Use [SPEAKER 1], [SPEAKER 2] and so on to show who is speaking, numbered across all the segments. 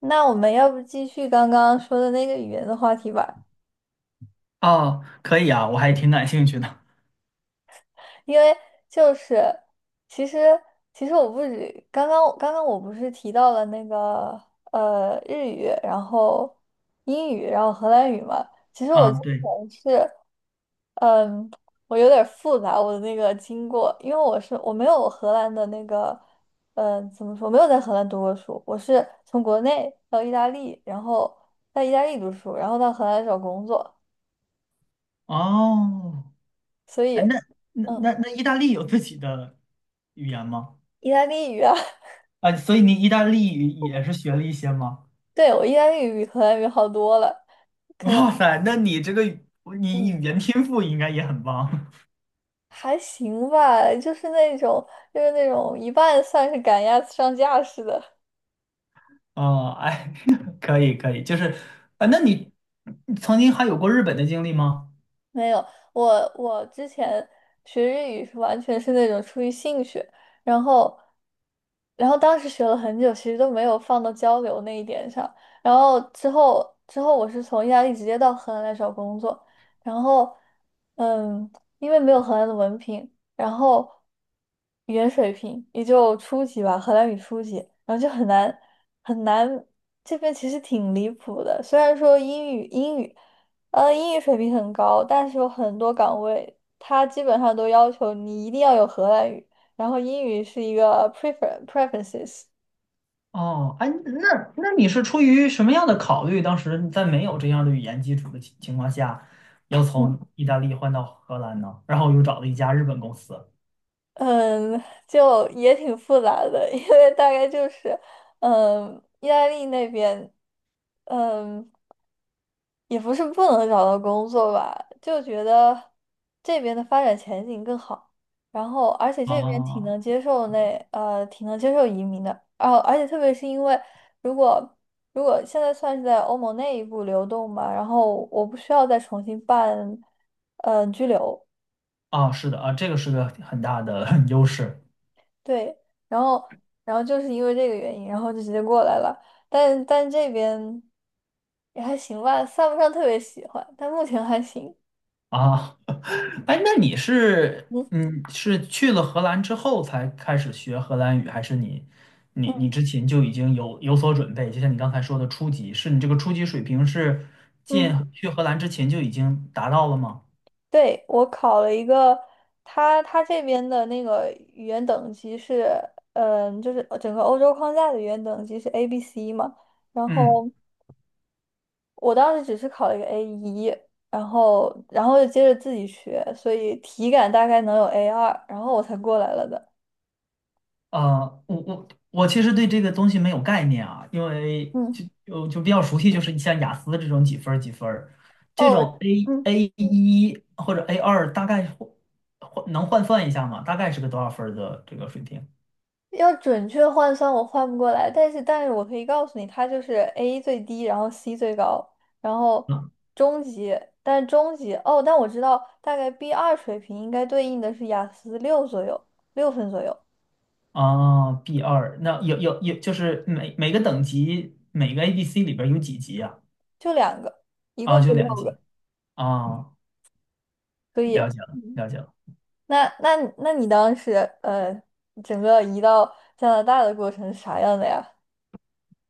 [SPEAKER 1] 那我们要不继续刚刚说的那个语言的话题吧，
[SPEAKER 2] 哦，可以啊，我还挺感兴趣的。
[SPEAKER 1] 因为就是其实其实我不止刚刚我不是提到了那个日语，然后英语，然后荷兰语嘛。其实我之
[SPEAKER 2] 啊，对。
[SPEAKER 1] 前是嗯，我有点儿复杂我的那个经过，因为我没有荷兰的那个怎么说，没有在荷兰读过书，我是从国内到意大利，然后在意大利读书，然后到荷兰找工作。
[SPEAKER 2] 哦，
[SPEAKER 1] 所以，
[SPEAKER 2] 哎，那那
[SPEAKER 1] 嗯，
[SPEAKER 2] 那那意大利有自己的语言吗？
[SPEAKER 1] 意大利语啊，
[SPEAKER 2] 啊，所以你意大利语也是学了一些吗？
[SPEAKER 1] 对，我意大利语比荷兰语好多了。
[SPEAKER 2] 哇塞，那你这个语你
[SPEAKER 1] 嗯，
[SPEAKER 2] 语言天赋应该也很棒。
[SPEAKER 1] 还行吧，就是那种一半算是赶鸭子上架似的。
[SPEAKER 2] 哦，哎，可以可以，就是啊，那你曾经还有过日本的经历吗？
[SPEAKER 1] 没有，我之前学日语是完全是那种出于兴趣，然后，然后当时学了很久，其实都没有放到交流那一点上。然后之后，我是从意大利直接到荷兰来找工作，然后嗯，因为没有荷兰的文凭，然后语言水平也就初级吧，荷兰语初级，然后就很难很难，这边其实挺离谱的，虽然说英语。英语水平很高，但是有很多岗位，它基本上都要求你一定要有荷兰语，然后英语是一个 preferences。
[SPEAKER 2] 哦，哎，那你是出于什么样的考虑？当时在没有这样的语言基础的情况下，要
[SPEAKER 1] 嗯
[SPEAKER 2] 从意大利换到荷兰呢？然后又找了一家日本公司。
[SPEAKER 1] 嗯，就也挺复杂的，因为大概就是嗯，意大利那边嗯。也不是不能找到工作吧，就觉得这边的发展前景更好，然后而且这边
[SPEAKER 2] 啊
[SPEAKER 1] 挺能接受移民的，然后而且特别是因为如果如果现在算是在欧盟内部流动吧，然后我不需要再重新办居留，
[SPEAKER 2] 啊，是的啊，这个是个很大的 优势
[SPEAKER 1] 对，然后然后就是因为这个原因，然后就直接过来了，但这边也还行吧，算不上特别喜欢，但目前还行。
[SPEAKER 2] 啊。哎，那你是是去了荷兰之后才开始学荷兰语，还是你
[SPEAKER 1] 嗯。
[SPEAKER 2] 之前就已经有所准备？就像你刚才说的初级，是你这个初级水平是进
[SPEAKER 1] 嗯。
[SPEAKER 2] 去荷兰之前就已经达到了吗？
[SPEAKER 1] 对，我考了一个，他这边的那个语言等级是，嗯，就是整个欧洲框架的语言等级是 A、B、C 嘛。然
[SPEAKER 2] 嗯。
[SPEAKER 1] 后我当时只是考了一个 A1，然后就接着自己学，所以体感大概能有 A2，然后我才过来了的。
[SPEAKER 2] 我其实对这个东西没有概念啊，因为
[SPEAKER 1] 嗯，
[SPEAKER 2] 就比较熟悉，就是像雅思这种几分儿几分儿这
[SPEAKER 1] 哦，
[SPEAKER 2] 种 A
[SPEAKER 1] 嗯。
[SPEAKER 2] A 一或者 A2，大概换能换算一下吗？大概是个多少分儿的这个水平？
[SPEAKER 1] 要准确换算我换不过来，但是我可以告诉你，它就是 A 最低，然后 C 最高，然后
[SPEAKER 2] 嗯
[SPEAKER 1] 中级，但是中级哦，但我知道大概 B2水平应该对应的是雅思六左右，6 分左右，
[SPEAKER 2] 啊，B2，那有，就是每个等级每个 A B C 里边儿有几级啊？
[SPEAKER 1] 就两个，一
[SPEAKER 2] 啊，
[SPEAKER 1] 共
[SPEAKER 2] 就
[SPEAKER 1] 就六
[SPEAKER 2] 两级。
[SPEAKER 1] 个，
[SPEAKER 2] 啊，
[SPEAKER 1] 所以。
[SPEAKER 2] 了解了，
[SPEAKER 1] 嗯。
[SPEAKER 2] 了解了。
[SPEAKER 1] 那你当时呃整个移到加拿大的过程是啥样的呀？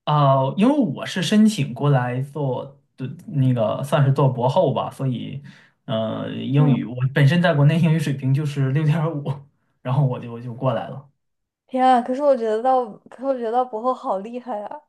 [SPEAKER 2] 啊、因为我是申请过来做的那个算是做博后吧，所以英语
[SPEAKER 1] 嗯。
[SPEAKER 2] 我本身在国内英语水平就是6.5，然后我就过来了。
[SPEAKER 1] 天啊，可是我觉得到，可是我觉得到博后好厉害啊！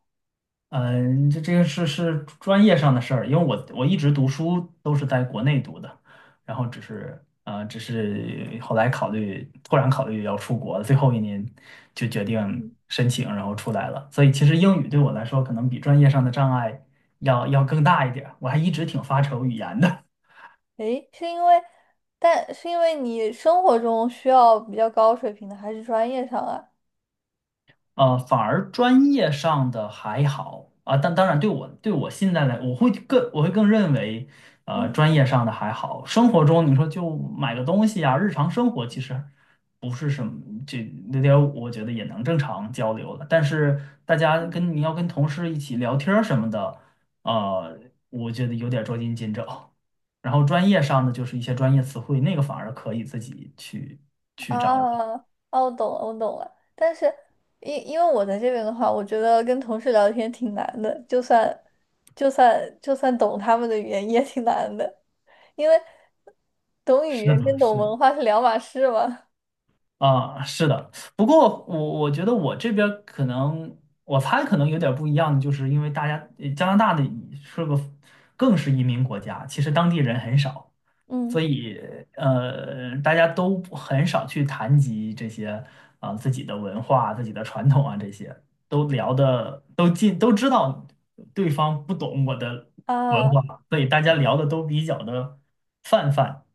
[SPEAKER 2] 嗯，这个是专业上的事儿，因为我一直读书都是在国内读的，然后只是后来考虑，突然考虑要出国，最后一年就决定申请，然后出来了。所以其实英语对我来说，可能比专业上的障碍要更大一点儿，我还一直挺发愁语言的。
[SPEAKER 1] 诶，是因为，但是因为你生活中需要比较高水平的，还是专业上啊？
[SPEAKER 2] 反而专业上的还好啊，但当然对我现在来，我会更认为，
[SPEAKER 1] 嗯
[SPEAKER 2] 专业上的还好。生活中你说就买个东西啊，日常生活其实不是什么，这那点五，我觉得也能正常交流了。但是大家跟你要跟同事一起聊天儿什么的，呃，我觉得有点捉襟见肘。然后专业上的就是一些专业词汇，那个反而可以自己去掌握。
[SPEAKER 1] 啊，哦，我懂了，我懂了。但是因为我在这边的话，我觉得跟同事聊天挺难的，就算懂他们的语言也挺难的，因为懂语
[SPEAKER 2] 是
[SPEAKER 1] 言
[SPEAKER 2] 的，
[SPEAKER 1] 跟懂
[SPEAKER 2] 是的。
[SPEAKER 1] 文化是两码事嘛。
[SPEAKER 2] 啊，是的，不过我觉得我这边儿可能，我猜可能有点儿不一样的，就是因为大家加拿大的是个更是移民国家，其实当地人很少，
[SPEAKER 1] 嗯，
[SPEAKER 2] 所以大家都不很少去谈及这些啊、自己的文化、自己的传统啊这些，都聊的都尽都知道对方不懂我的文
[SPEAKER 1] 啊，
[SPEAKER 2] 化，所以大家聊的都比较的泛泛。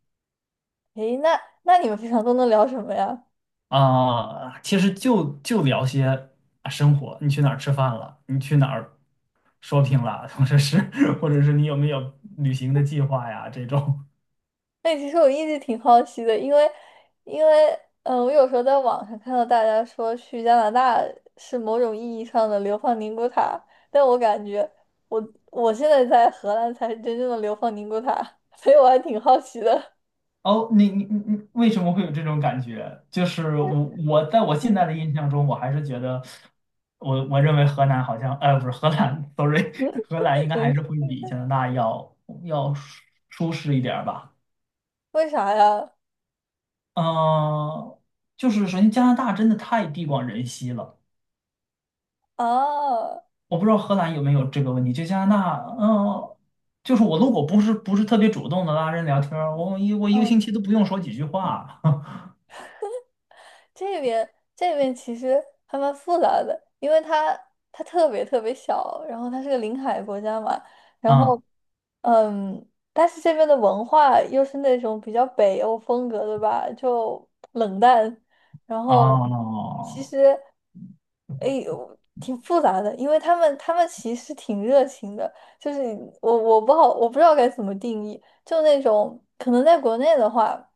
[SPEAKER 1] 诶，那你们平常都能聊什么呀？
[SPEAKER 2] 啊，其实就聊些啊生活，你去哪儿吃饭了？你去哪儿 shopping 了？或者是你有没有旅行的计划呀？这种。
[SPEAKER 1] 哎，其实我一直挺好奇的，因为因为，嗯，我有时候在网上看到大家说去加拿大是某种意义上的流放宁古塔，但我感觉我我现在在荷兰才是真正的流放宁古塔，所以我还挺好奇的。
[SPEAKER 2] 哦，你为什么会有这种感觉？就是我在我 现
[SPEAKER 1] 嗯，
[SPEAKER 2] 在的印象中，我还是觉得我认为河南好像，不是河南 s o r r y 荷兰应该还是会比加拿大要舒适一点儿吧。
[SPEAKER 1] 为啥呀？
[SPEAKER 2] 嗯、就是首先加拿大真的太地广人稀了。
[SPEAKER 1] 啊，
[SPEAKER 2] 我不知道荷兰有没有这个问题，就加拿大，就是我如果不是特别主动的拉人聊天儿我一个
[SPEAKER 1] 嗯。
[SPEAKER 2] 星期都不用说几句话，
[SPEAKER 1] 这边这边其实还蛮复杂的，因为它特别特别小，然后它是个临海国家嘛，然后
[SPEAKER 2] 啊。
[SPEAKER 1] 嗯，但是这边的文化又是那种比较北欧风格的吧，就冷淡，然后其
[SPEAKER 2] 哦。
[SPEAKER 1] 实哎呦挺复杂的，因为他们其实挺热情的，就是我不知道该怎么定义，就那种可能在国内的话。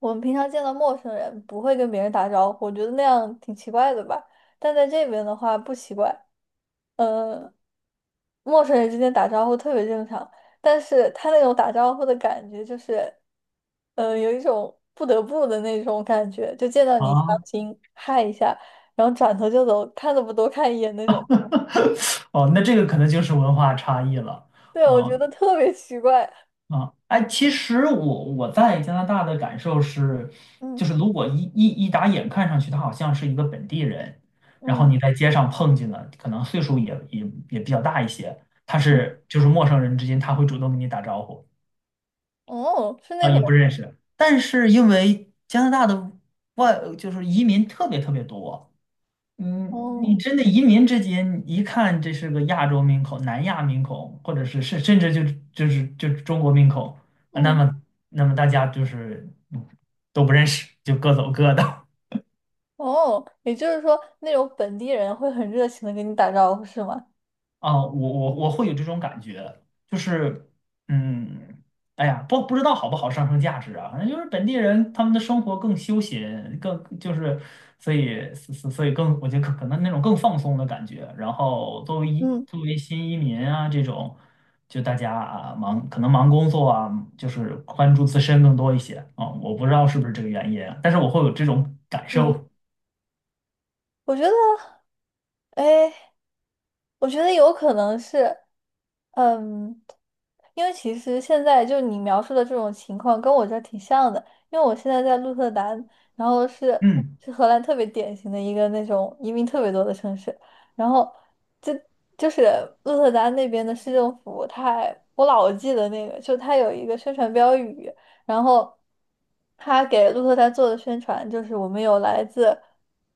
[SPEAKER 1] 我们平常见到陌生人不会跟别人打招呼，我觉得那样挺奇怪的吧。但在这边的话不奇怪，嗯，陌生人之间打招呼特别正常。但是他那种打招呼的感觉就是，嗯，有一种不得不的那种感觉，就见到你强
[SPEAKER 2] 啊。
[SPEAKER 1] 行嗨一下，然后转头就走，看都不多看一眼那种。
[SPEAKER 2] 哦，那这个可能就是文化差异了。
[SPEAKER 1] 对，我觉
[SPEAKER 2] 哦，
[SPEAKER 1] 得特别奇怪。
[SPEAKER 2] 啊，哎，其实我在加拿大的感受是，
[SPEAKER 1] 嗯
[SPEAKER 2] 就是如果一打眼看上去他好像是一个本地人，然后
[SPEAKER 1] 嗯
[SPEAKER 2] 你在街上碰见了，可能岁数也比较大一些，
[SPEAKER 1] 嗯，
[SPEAKER 2] 就是陌生人之间他会主动跟你打招呼。
[SPEAKER 1] 哦，是
[SPEAKER 2] 啊，
[SPEAKER 1] 那
[SPEAKER 2] 也不
[SPEAKER 1] 种，
[SPEAKER 2] 认识。但是因为加拿大的就是移民特别特别多，你
[SPEAKER 1] 哦
[SPEAKER 2] 真的移民之间，你一看这是个亚洲面孔、南亚面孔，或者是甚至就是中国面孔，啊那
[SPEAKER 1] 嗯。
[SPEAKER 2] 么那么大家就是都不认识，就各走各的。
[SPEAKER 1] 哦，也就是说，那种本地人会很热情的跟你打招呼，是吗？
[SPEAKER 2] 啊，我会有这种感觉，就是，嗯，哎呀，不知道好不好上升价值啊，反正就是本地人他们的生活更休闲，更就是，所以更，我觉得可能那种更放松的感觉。然后
[SPEAKER 1] 嗯
[SPEAKER 2] 作为新移民啊这种，就大家啊可能忙工作啊，就是关注自身更多一些啊，我不知道是不是这个原因啊，但是我会有这种感
[SPEAKER 1] 嗯。
[SPEAKER 2] 受。
[SPEAKER 1] 我觉得，哎，我觉得有可能是，嗯，因为其实现在就你描述的这种情况跟我这儿挺像的，因为我现在在鹿特丹，然后是
[SPEAKER 2] 嗯，
[SPEAKER 1] 是荷兰特别典型的一个那种移民特别多的城市，然后就就是鹿特丹那边的市政府，它还我老记得那个，就它有一个宣传标语，然后它给鹿特丹做的宣传就是我们有来自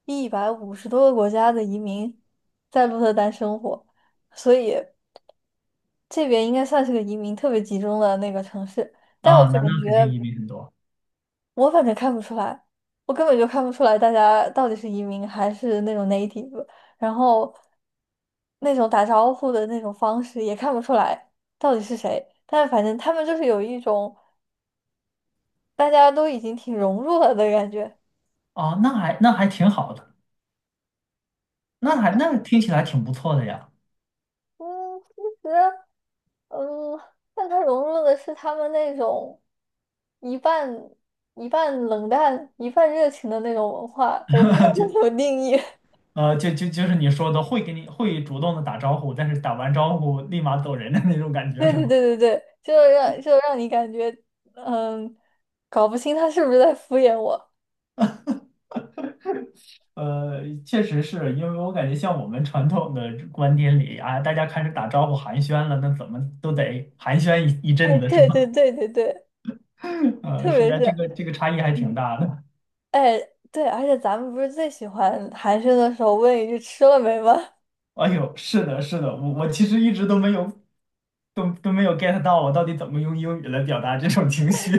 [SPEAKER 1] 150多个国家的移民在鹿特丹生活，所以。这边应该算是个移民特别集中的那个城市，但我
[SPEAKER 2] 啊，那
[SPEAKER 1] 感
[SPEAKER 2] 那肯定
[SPEAKER 1] 觉
[SPEAKER 2] 移民很多
[SPEAKER 1] 我反正看不出来，我根本就看不出来大家到底是移民还是那种 native，然后那种打招呼的那种方式也看不出来到底是谁，但反正他们就是有一种大家都已经挺融入了的感觉。
[SPEAKER 2] 啊。那还挺好的。那听起来挺不错的呀，
[SPEAKER 1] 嗯，其实，嗯，但它融入的是他们那种一半一半冷淡、一半热情的那种文化，我不知道
[SPEAKER 2] 就
[SPEAKER 1] 该怎么定义。
[SPEAKER 2] 就是你说的会给你会主动的打招呼，但是打完招呼立马走人的那种感觉
[SPEAKER 1] 对
[SPEAKER 2] 是
[SPEAKER 1] 对
[SPEAKER 2] 吗？
[SPEAKER 1] 对对对，就是让你感觉嗯，搞不清他是不是在敷衍我。
[SPEAKER 2] 确实是因为我感觉像我们传统的观点里啊，大家开始打招呼寒暄了，那怎么都得寒暄一阵
[SPEAKER 1] 哎，
[SPEAKER 2] 子是
[SPEAKER 1] 对对
[SPEAKER 2] 吗？
[SPEAKER 1] 对对对，特
[SPEAKER 2] 是
[SPEAKER 1] 别
[SPEAKER 2] 的，
[SPEAKER 1] 是，
[SPEAKER 2] 这个差异还挺
[SPEAKER 1] 嗯，
[SPEAKER 2] 大的。
[SPEAKER 1] 哎，对，而且咱们不是最喜欢寒暄的时候问一句"吃了没"吗？
[SPEAKER 2] 哎呦，是的，是的，我其实一直都没有 get 到我到底怎么用英语来表达这种情绪。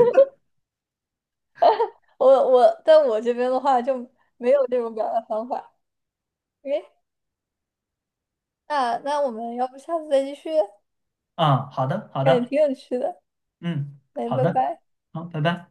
[SPEAKER 1] 我在我这边的话就没有这种表达方法。那我们要不下次再继续？
[SPEAKER 2] 啊。好的，好
[SPEAKER 1] 感觉
[SPEAKER 2] 的。
[SPEAKER 1] 挺有趣的。
[SPEAKER 2] 嗯，
[SPEAKER 1] 来，
[SPEAKER 2] 好
[SPEAKER 1] 拜
[SPEAKER 2] 的，
[SPEAKER 1] 拜。
[SPEAKER 2] 好，拜拜。